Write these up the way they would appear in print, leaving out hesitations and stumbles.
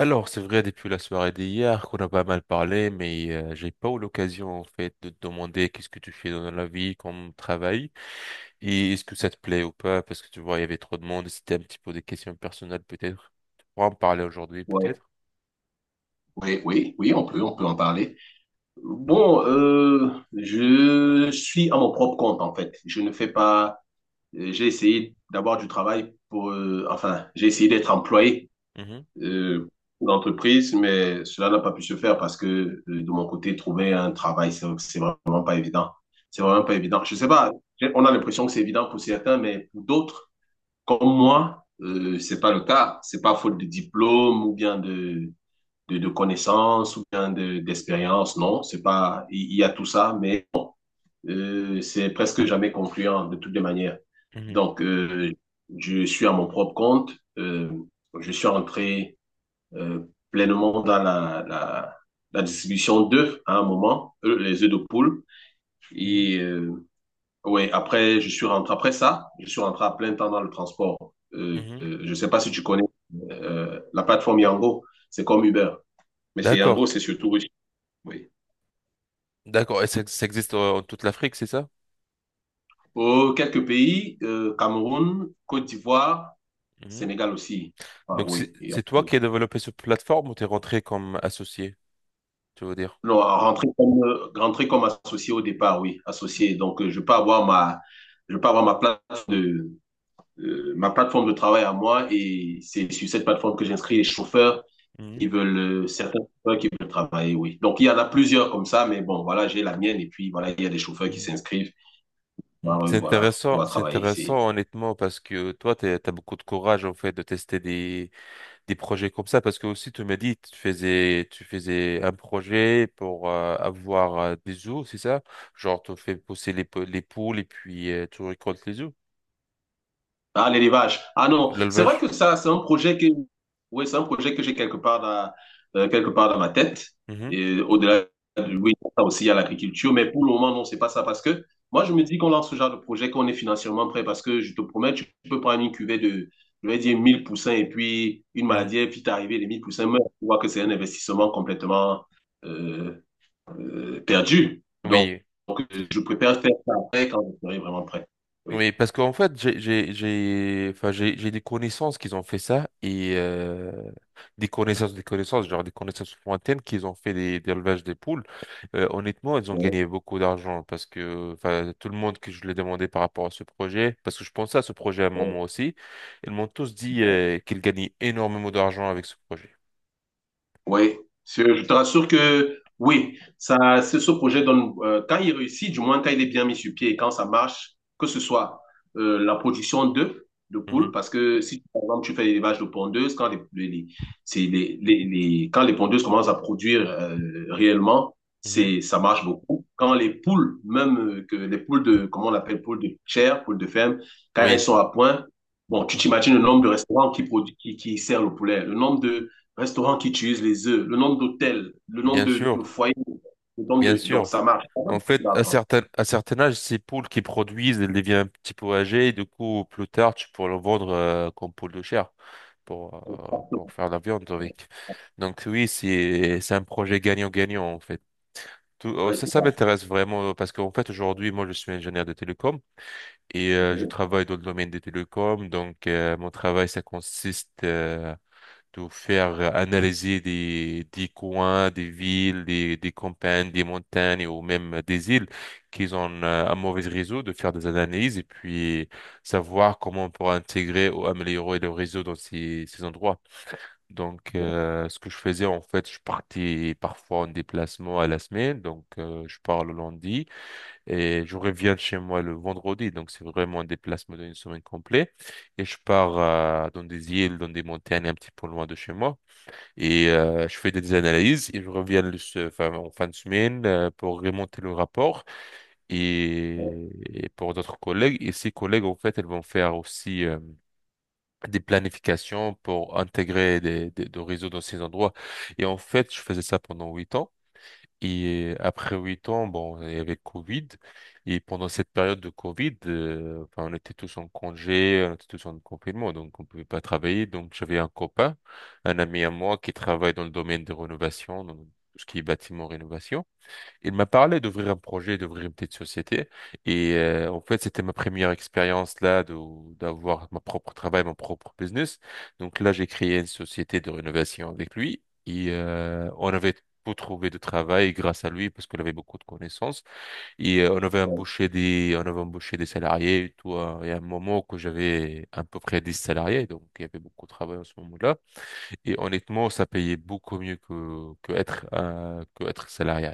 Alors, c'est vrai, depuis la soirée d'hier qu'on a pas mal parlé, mais j'ai pas eu l'occasion en fait de te demander qu'est-ce que tu fais dans la vie, comme travail, et est-ce que ça te plaît ou pas, parce que tu vois, il y avait trop de monde, et c'était un petit peu des questions personnelles peut-être. Tu pourras en parler aujourd'hui Ouais, peut-être. oui, oui, oui, on peut en parler. Bon, je suis à mon propre compte en fait. Je ne fais pas. J'ai essayé d'avoir du travail pour. Enfin, j'ai essayé d'être employé Mhm, euh, pour l'entreprise, mais cela n'a pas pu se faire parce que de mon côté, trouver un travail, c'est vraiment pas évident. C'est mhm, vraiment pas évident. Je sais pas. On a l'impression que c'est évident pour certains, mais pour d'autres, comme moi, c'est pas le cas. C'est pas faute de diplôme ou bien de de connaissances ou bien d'expérience. D'expérience, non, c'est pas, il y a tout ça, mais c'est presque jamais concluant de toutes les manières. mhm, Donc, je suis à mon propre compte. Euh, je suis entré euh, pleinement dans la distribution d'œufs hein, à un moment, les œufs de poule. mhm, Et ouais, après, je suis rentré après ça, je suis rentré à plein temps dans le transport. Mhm. Je sais pas si tu connais la plateforme Yango, c'est comme Uber, mais c'est Yango, D'accord, c'est surtout russe. Oui. d'accord, et ça existe en toute l'Afrique, c'est ça? Pour quelques pays, Cameroun, Côte d'Ivoire, Mhm. Sénégal aussi. Ah Donc c'est oui. C'est toi qui as développé cette plateforme ou t'es rentré comme associé, tu veux dire? Non, rentrer comme associé au départ, oui, associé. Donc, je peux avoir ma, je peux avoir ma de, ma plateforme de travail à moi et c'est sur cette plateforme que j'inscris les chauffeurs Mhm, qui veulent, certains chauffeurs qui veulent travailler, oui. Donc, il y en a plusieurs comme ça, mais bon, voilà, j'ai la mienne et puis voilà, il y a des chauffeurs qui s'inscrivent. Ben, Mm. Voilà, pour pouvoir C'est travailler. C'est. intéressant honnêtement parce que toi, tu as beaucoup de courage en fait de tester des projets comme ça parce que aussi tu m'as dit tu faisais un projet pour avoir des œufs, c'est ça? Genre tu fais pousser les poules et puis tu récoltes les œufs, Ah, l'élevage. Ah non, c'est vrai que l'élevage. ça, c'est un projet que, oui, c'est un projet que j'ai quelque part dans ma tête. Mhm, Et au-delà, oui, ça aussi, il y a l'agriculture. Mais pour le moment, non, c'est pas ça. Parce que moi, je me dis qu'on lance ce genre de projet, qu'on est financièrement prêt. Parce que je te promets, tu peux prendre une cuvée de, je vais dire, 1000 poussins et puis une mhm. maladie, et puis t'arriver, les 1000 poussins meurent. Tu vois que c'est un investissement complètement euh, perdu. Donc, Oui. donc, euh, je préfère faire ça après quand je serai vraiment prêt. Oui. Oui, parce qu'en fait, j'ai des connaissances qu'ils ont fait ça et euh, genre des connaissances lointaines qu'ils ont fait des élevages des poules. Honnêtement, ils ont Ouais, gagné beaucoup d'argent parce que, enfin, tout le monde que je l'ai demandé par rapport à ce projet, parce que je pensais à ce projet à un moment ouais. aussi, ils m'ont tous dit qu'ils gagnaient énormément d'argent avec ce projet. Oui, je te rassure que oui, ça, c'est ce projet donne, quand il réussit, du moins quand il est bien mis sur pied et quand ça marche, que ce soit la production d'œufs, de poules, Mhm, parce que si par exemple tu fais l'élevage de pondeuses, quand c'est quand les pondeuses commencent à produire réellement, mhm. c'est, ça marche beaucoup. Quand les poules, même que les poules de, comment on appelle, poules de chair, poules de ferme, quand elles Oui, sont à point, bon, tu Mhm. t'imagines le nombre de restaurants qui, qui servent le poulet, le nombre de restaurants qui utilisent les œufs, le nombre d'hôtels, le nombre bien sûr, de foyers, le nombre bien de... Donc, sûr. ça marche. En fait, à certain âge, ces poules qui produisent, elles deviennent un petit peu âgées, et du coup, plus tard, tu pourras le vendre comme poule de chair pour, pour faire la viande avec. Donc oui, c'est un projet gagnant-gagnant, en fait. Oh, Ouais, ça, c'est ça ça. m'intéresse vraiment parce qu'en fait, aujourd'hui, moi, je suis ingénieur de télécom et je travaille dans le domaine des télécoms. Donc, mon travail, ça consiste de faire analyser des coins, des villes, des campagnes, des montagnes ou même des îles qui ont un mauvais réseau, de faire des analyses et puis savoir comment on pourra intégrer ou améliorer le réseau dans ces endroits. Donc, ce que je faisais, en fait, je partais parfois en déplacement à la semaine. Donc, je pars le lundi et je reviens de chez moi le vendredi. Donc, c'est vraiment un déplacement d'une semaine complète. Et je pars dans des îles, dans des montagnes un petit peu loin de chez moi. Et je fais des analyses et je reviens en fin de semaine pour remonter le rapport et, et pour d'autres collègues. Et ces collègues, en fait, elles vont faire aussi des planifications pour intégrer des réseaux dans ces endroits. Et en fait, je faisais ça pendant 8 ans. Et après 8 ans, bon, il y avait Covid. Et pendant cette période de Covid, enfin, on était tous en congé, on était tous en confinement, donc on pouvait pas travailler. Donc j'avais un copain, un ami à moi qui travaille dans le domaine de rénovation, donc tout ce qui est bâtiment rénovation. Il m'a parlé d'ouvrir un projet, d'ouvrir une petite société. Et en fait, c'était ma première expérience là de, d'avoir mon propre travail, mon propre business. Donc là, j'ai créé une société de rénovation avec lui. Et on avait tout trouvé de travail grâce à lui parce qu'il avait beaucoup de connaissances. Et on avait embauché des salariés et tout, hein. Et à un moment que j'avais à peu près 10 salariés, donc il y avait beaucoup de travail en ce moment-là. Et honnêtement, ça payait beaucoup mieux que que être salarié.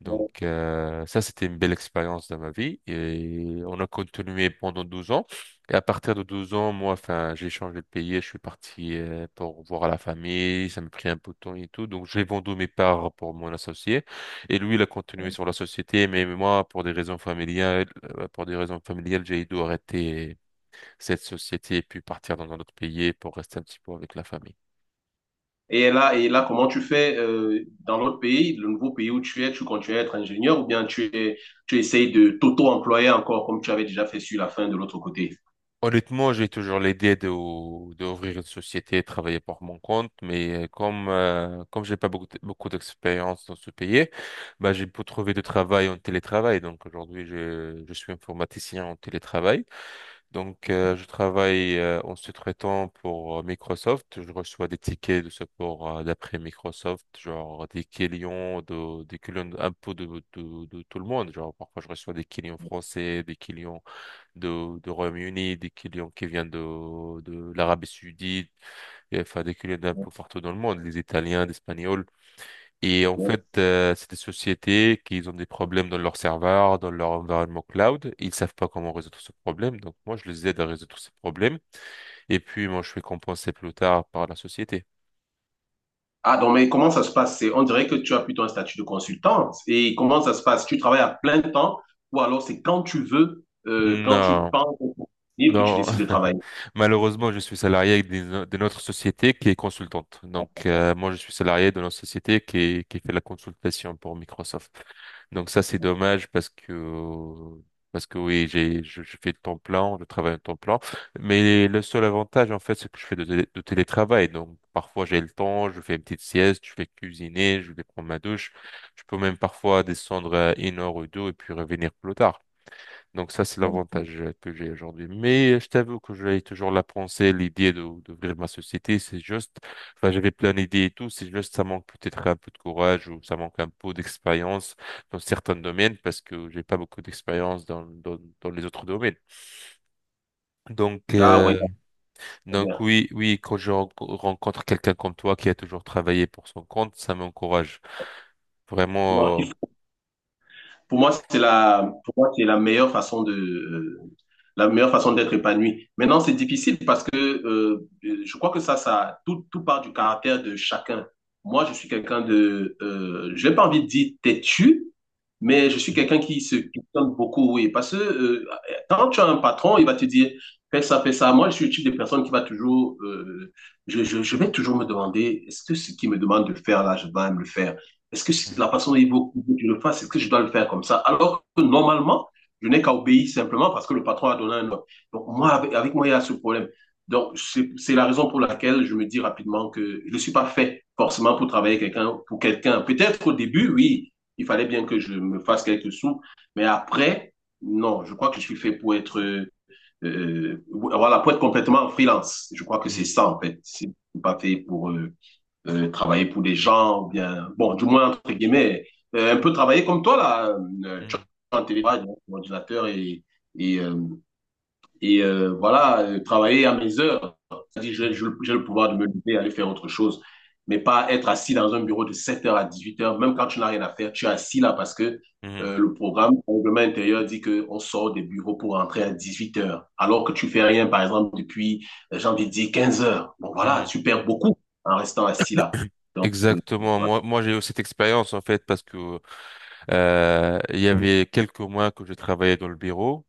Donc ça, c'était une belle expérience dans ma vie et on a continué pendant 12 ans. Et à partir de 12 ans, moi, enfin, j'ai changé de pays, et je suis parti pour voir la famille, ça m'a pris un peu de temps et tout. Donc j'ai vendu mes parts pour mon associé et lui, il a continué sur la société, mais moi, pour des raisons familiales, j'ai dû arrêter cette société et puis partir dans un autre pays pour rester un petit peu avec la famille. Et là, comment tu fais dans l'autre pays, le nouveau pays où tu es, tu continues à être ingénieur ou bien tu essayes de t'auto-employer encore comme tu avais déjà fait sur la fin de l'autre côté? Honnêtement, j'ai toujours l'idée de, d'ouvrir une société, travailler pour mon compte, mais comme j'ai pas beaucoup d'expérience dans ce pays, bah j'ai pu trouver du travail en télétravail. Donc aujourd'hui, je suis informaticien en télétravail. Donc je travaille en sous-traitant pour Microsoft. Je reçois des tickets de support d'après Microsoft, genre des clients un peu de, de tout le monde. Genre parfois je reçois des clients français, des clients de Royaume-Uni, des clients qui viennent de l'Arabie Saoudite, et enfin des clients d'un peu partout dans le monde, les Italiens, les Espagnols. Et en fait, c'est des sociétés qui ont des problèmes dans leur serveur, dans leur environnement cloud. Ils savent pas comment résoudre ce problème. Donc moi, je les aide à résoudre ce problème. Et puis moi, je fais compenser plus tard par la société. Ah non, mais comment ça se passe? On dirait que tu as plutôt un statut de consultante. Et comment ça se passe? Tu travailles à plein temps ou alors c'est quand tu veux, quand tu Non. penses au libre que tu Non, décides de travailler. malheureusement, je suis salarié d'une autre société qui est consultante. Donc, moi, je suis salarié de notre société qui fait la consultation pour Microsoft. Donc, ça, c'est dommage parce que oui, je fais le temps plein, je travaille en temps plein. Mais le seul avantage, en fait, c'est que je fais de, de télétravail. Donc, parfois, j'ai le temps, je fais une petite sieste, je vais cuisiner, je vais prendre ma douche. Je peux même parfois descendre à 1 heure ou 2 et puis revenir plus tard. Donc ça, c'est l'avantage que j'ai aujourd'hui. Mais je t'avoue que j'avais toujours la pensée, l'idée de d'ouvrir ma société. C'est juste, enfin, j'avais plein d'idées et tout. C'est juste, ça manque peut-être un peu de courage ou ça manque un peu d'expérience dans certains domaines parce que j'ai pas beaucoup d'expérience dans, dans les autres domaines. Donc, Ah oui, euh, très donc bien. oui, oui, quand je rencontre quelqu'un comme toi qui a toujours travaillé pour son compte, ça m'encourage Non, vraiment. Pour moi, c'est la, pour moi, c'est la meilleure façon de, la meilleure façon d'être épanoui. Maintenant, c'est difficile parce que je crois que ça, tout, tout part du caractère de chacun. Moi, je suis quelqu'un de, je n'ai pas envie de dire têtu, mais je suis Mm, quelqu'un qui se questionne beaucoup, oui. Parce que quand tu as un patron, il va te dire, fais ça, fais ça. Moi, je suis le type de personne qui va toujours, je vais toujours me demander, est-ce que ce qu'il me demande de faire là, je vais me le faire? Est-ce que la façon dont il veut que tu le fasses, est-ce que je dois le faire comme ça? Alors que normalement, je n'ai qu'à obéir simplement parce que le patron a donné un ordre. Donc, moi, avec moi, il y a ce problème. Donc, c'est la raison pour laquelle je me dis rapidement que je ne suis pas fait forcément pour travailler quelqu'un, pour quelqu'un. Peut-être au début, oui, il fallait bien que je me fasse quelques sous, mais après, non, je crois que je suis fait pour être, voilà, pour être complètement en freelance. Je crois que c'est mm, ça, en fait. C'est pas fait pour, travailler pour des gens, ou bien, bon, du moins, entre guillemets, un peu travailler comme toi, là, tu mm, es en télétravail, donc, sur et, et euh, voilà, travailler à mes heures. C'est-à-dire, j'ai mm, j'ai le pouvoir de me lever, aller faire autre chose, mais pas être assis dans un bureau de 7 h à 18 h, même quand tu n'as rien à faire, tu es assis là parce que mm, mm, le programme, le règlement intérieur dit qu'on sort des bureaux pour rentrer à 18 h, alors que tu fais rien, par exemple, depuis, j'ai envie de dire, 15 h. Bon, voilà, mm. tu perds beaucoup en restant assis là. Donc, Exactement. voilà. Moi, j'ai eu cette expérience en fait parce que il y avait quelques mois que je travaillais dans le bureau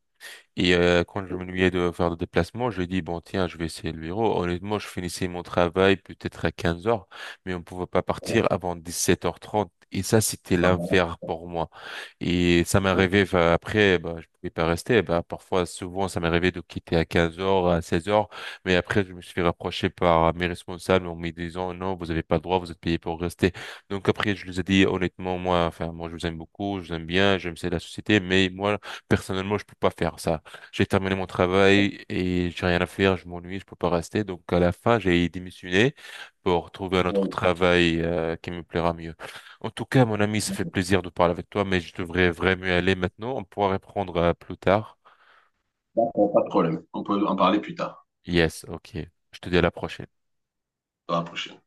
et quand je m'ennuyais de faire des déplacements, je dis, bon, tiens, je vais essayer le bureau. Honnêtement, je finissais mon travail peut-être à 15 h, mais on ne pouvait pas partir avant 17 h 30. Et ça, c'était l'enfer pour moi. Et ça m'est arrivé, enfin, après, bah, je pouvais pas rester. Bah, parfois, souvent, ça m'est arrivé de quitter à 15 h à 16 h. Mais après, je me suis fait rapprocher par mes responsables en me disant, non, vous n'avez pas le droit, vous êtes payé pour rester. Donc après, je les ai dit, honnêtement, moi, je vous aime beaucoup, je vous aime bien, j'aime c'est la société, mais moi, personnellement, je peux pas faire ça. J'ai terminé mon travail et j'ai rien à faire, je m'ennuie, je peux pas rester. Donc à la fin, j'ai démissionné pour trouver un autre Voilà. travail qui me plaira mieux. En tout cas, mon ami, ça fait plaisir de parler avec toi, mais je devrais vraiment y aller maintenant. On pourra reprendre plus tard. D'accord, pas de problème. On peut en parler plus tard, Yes, ok. Je te dis à la prochaine. dans la prochaine.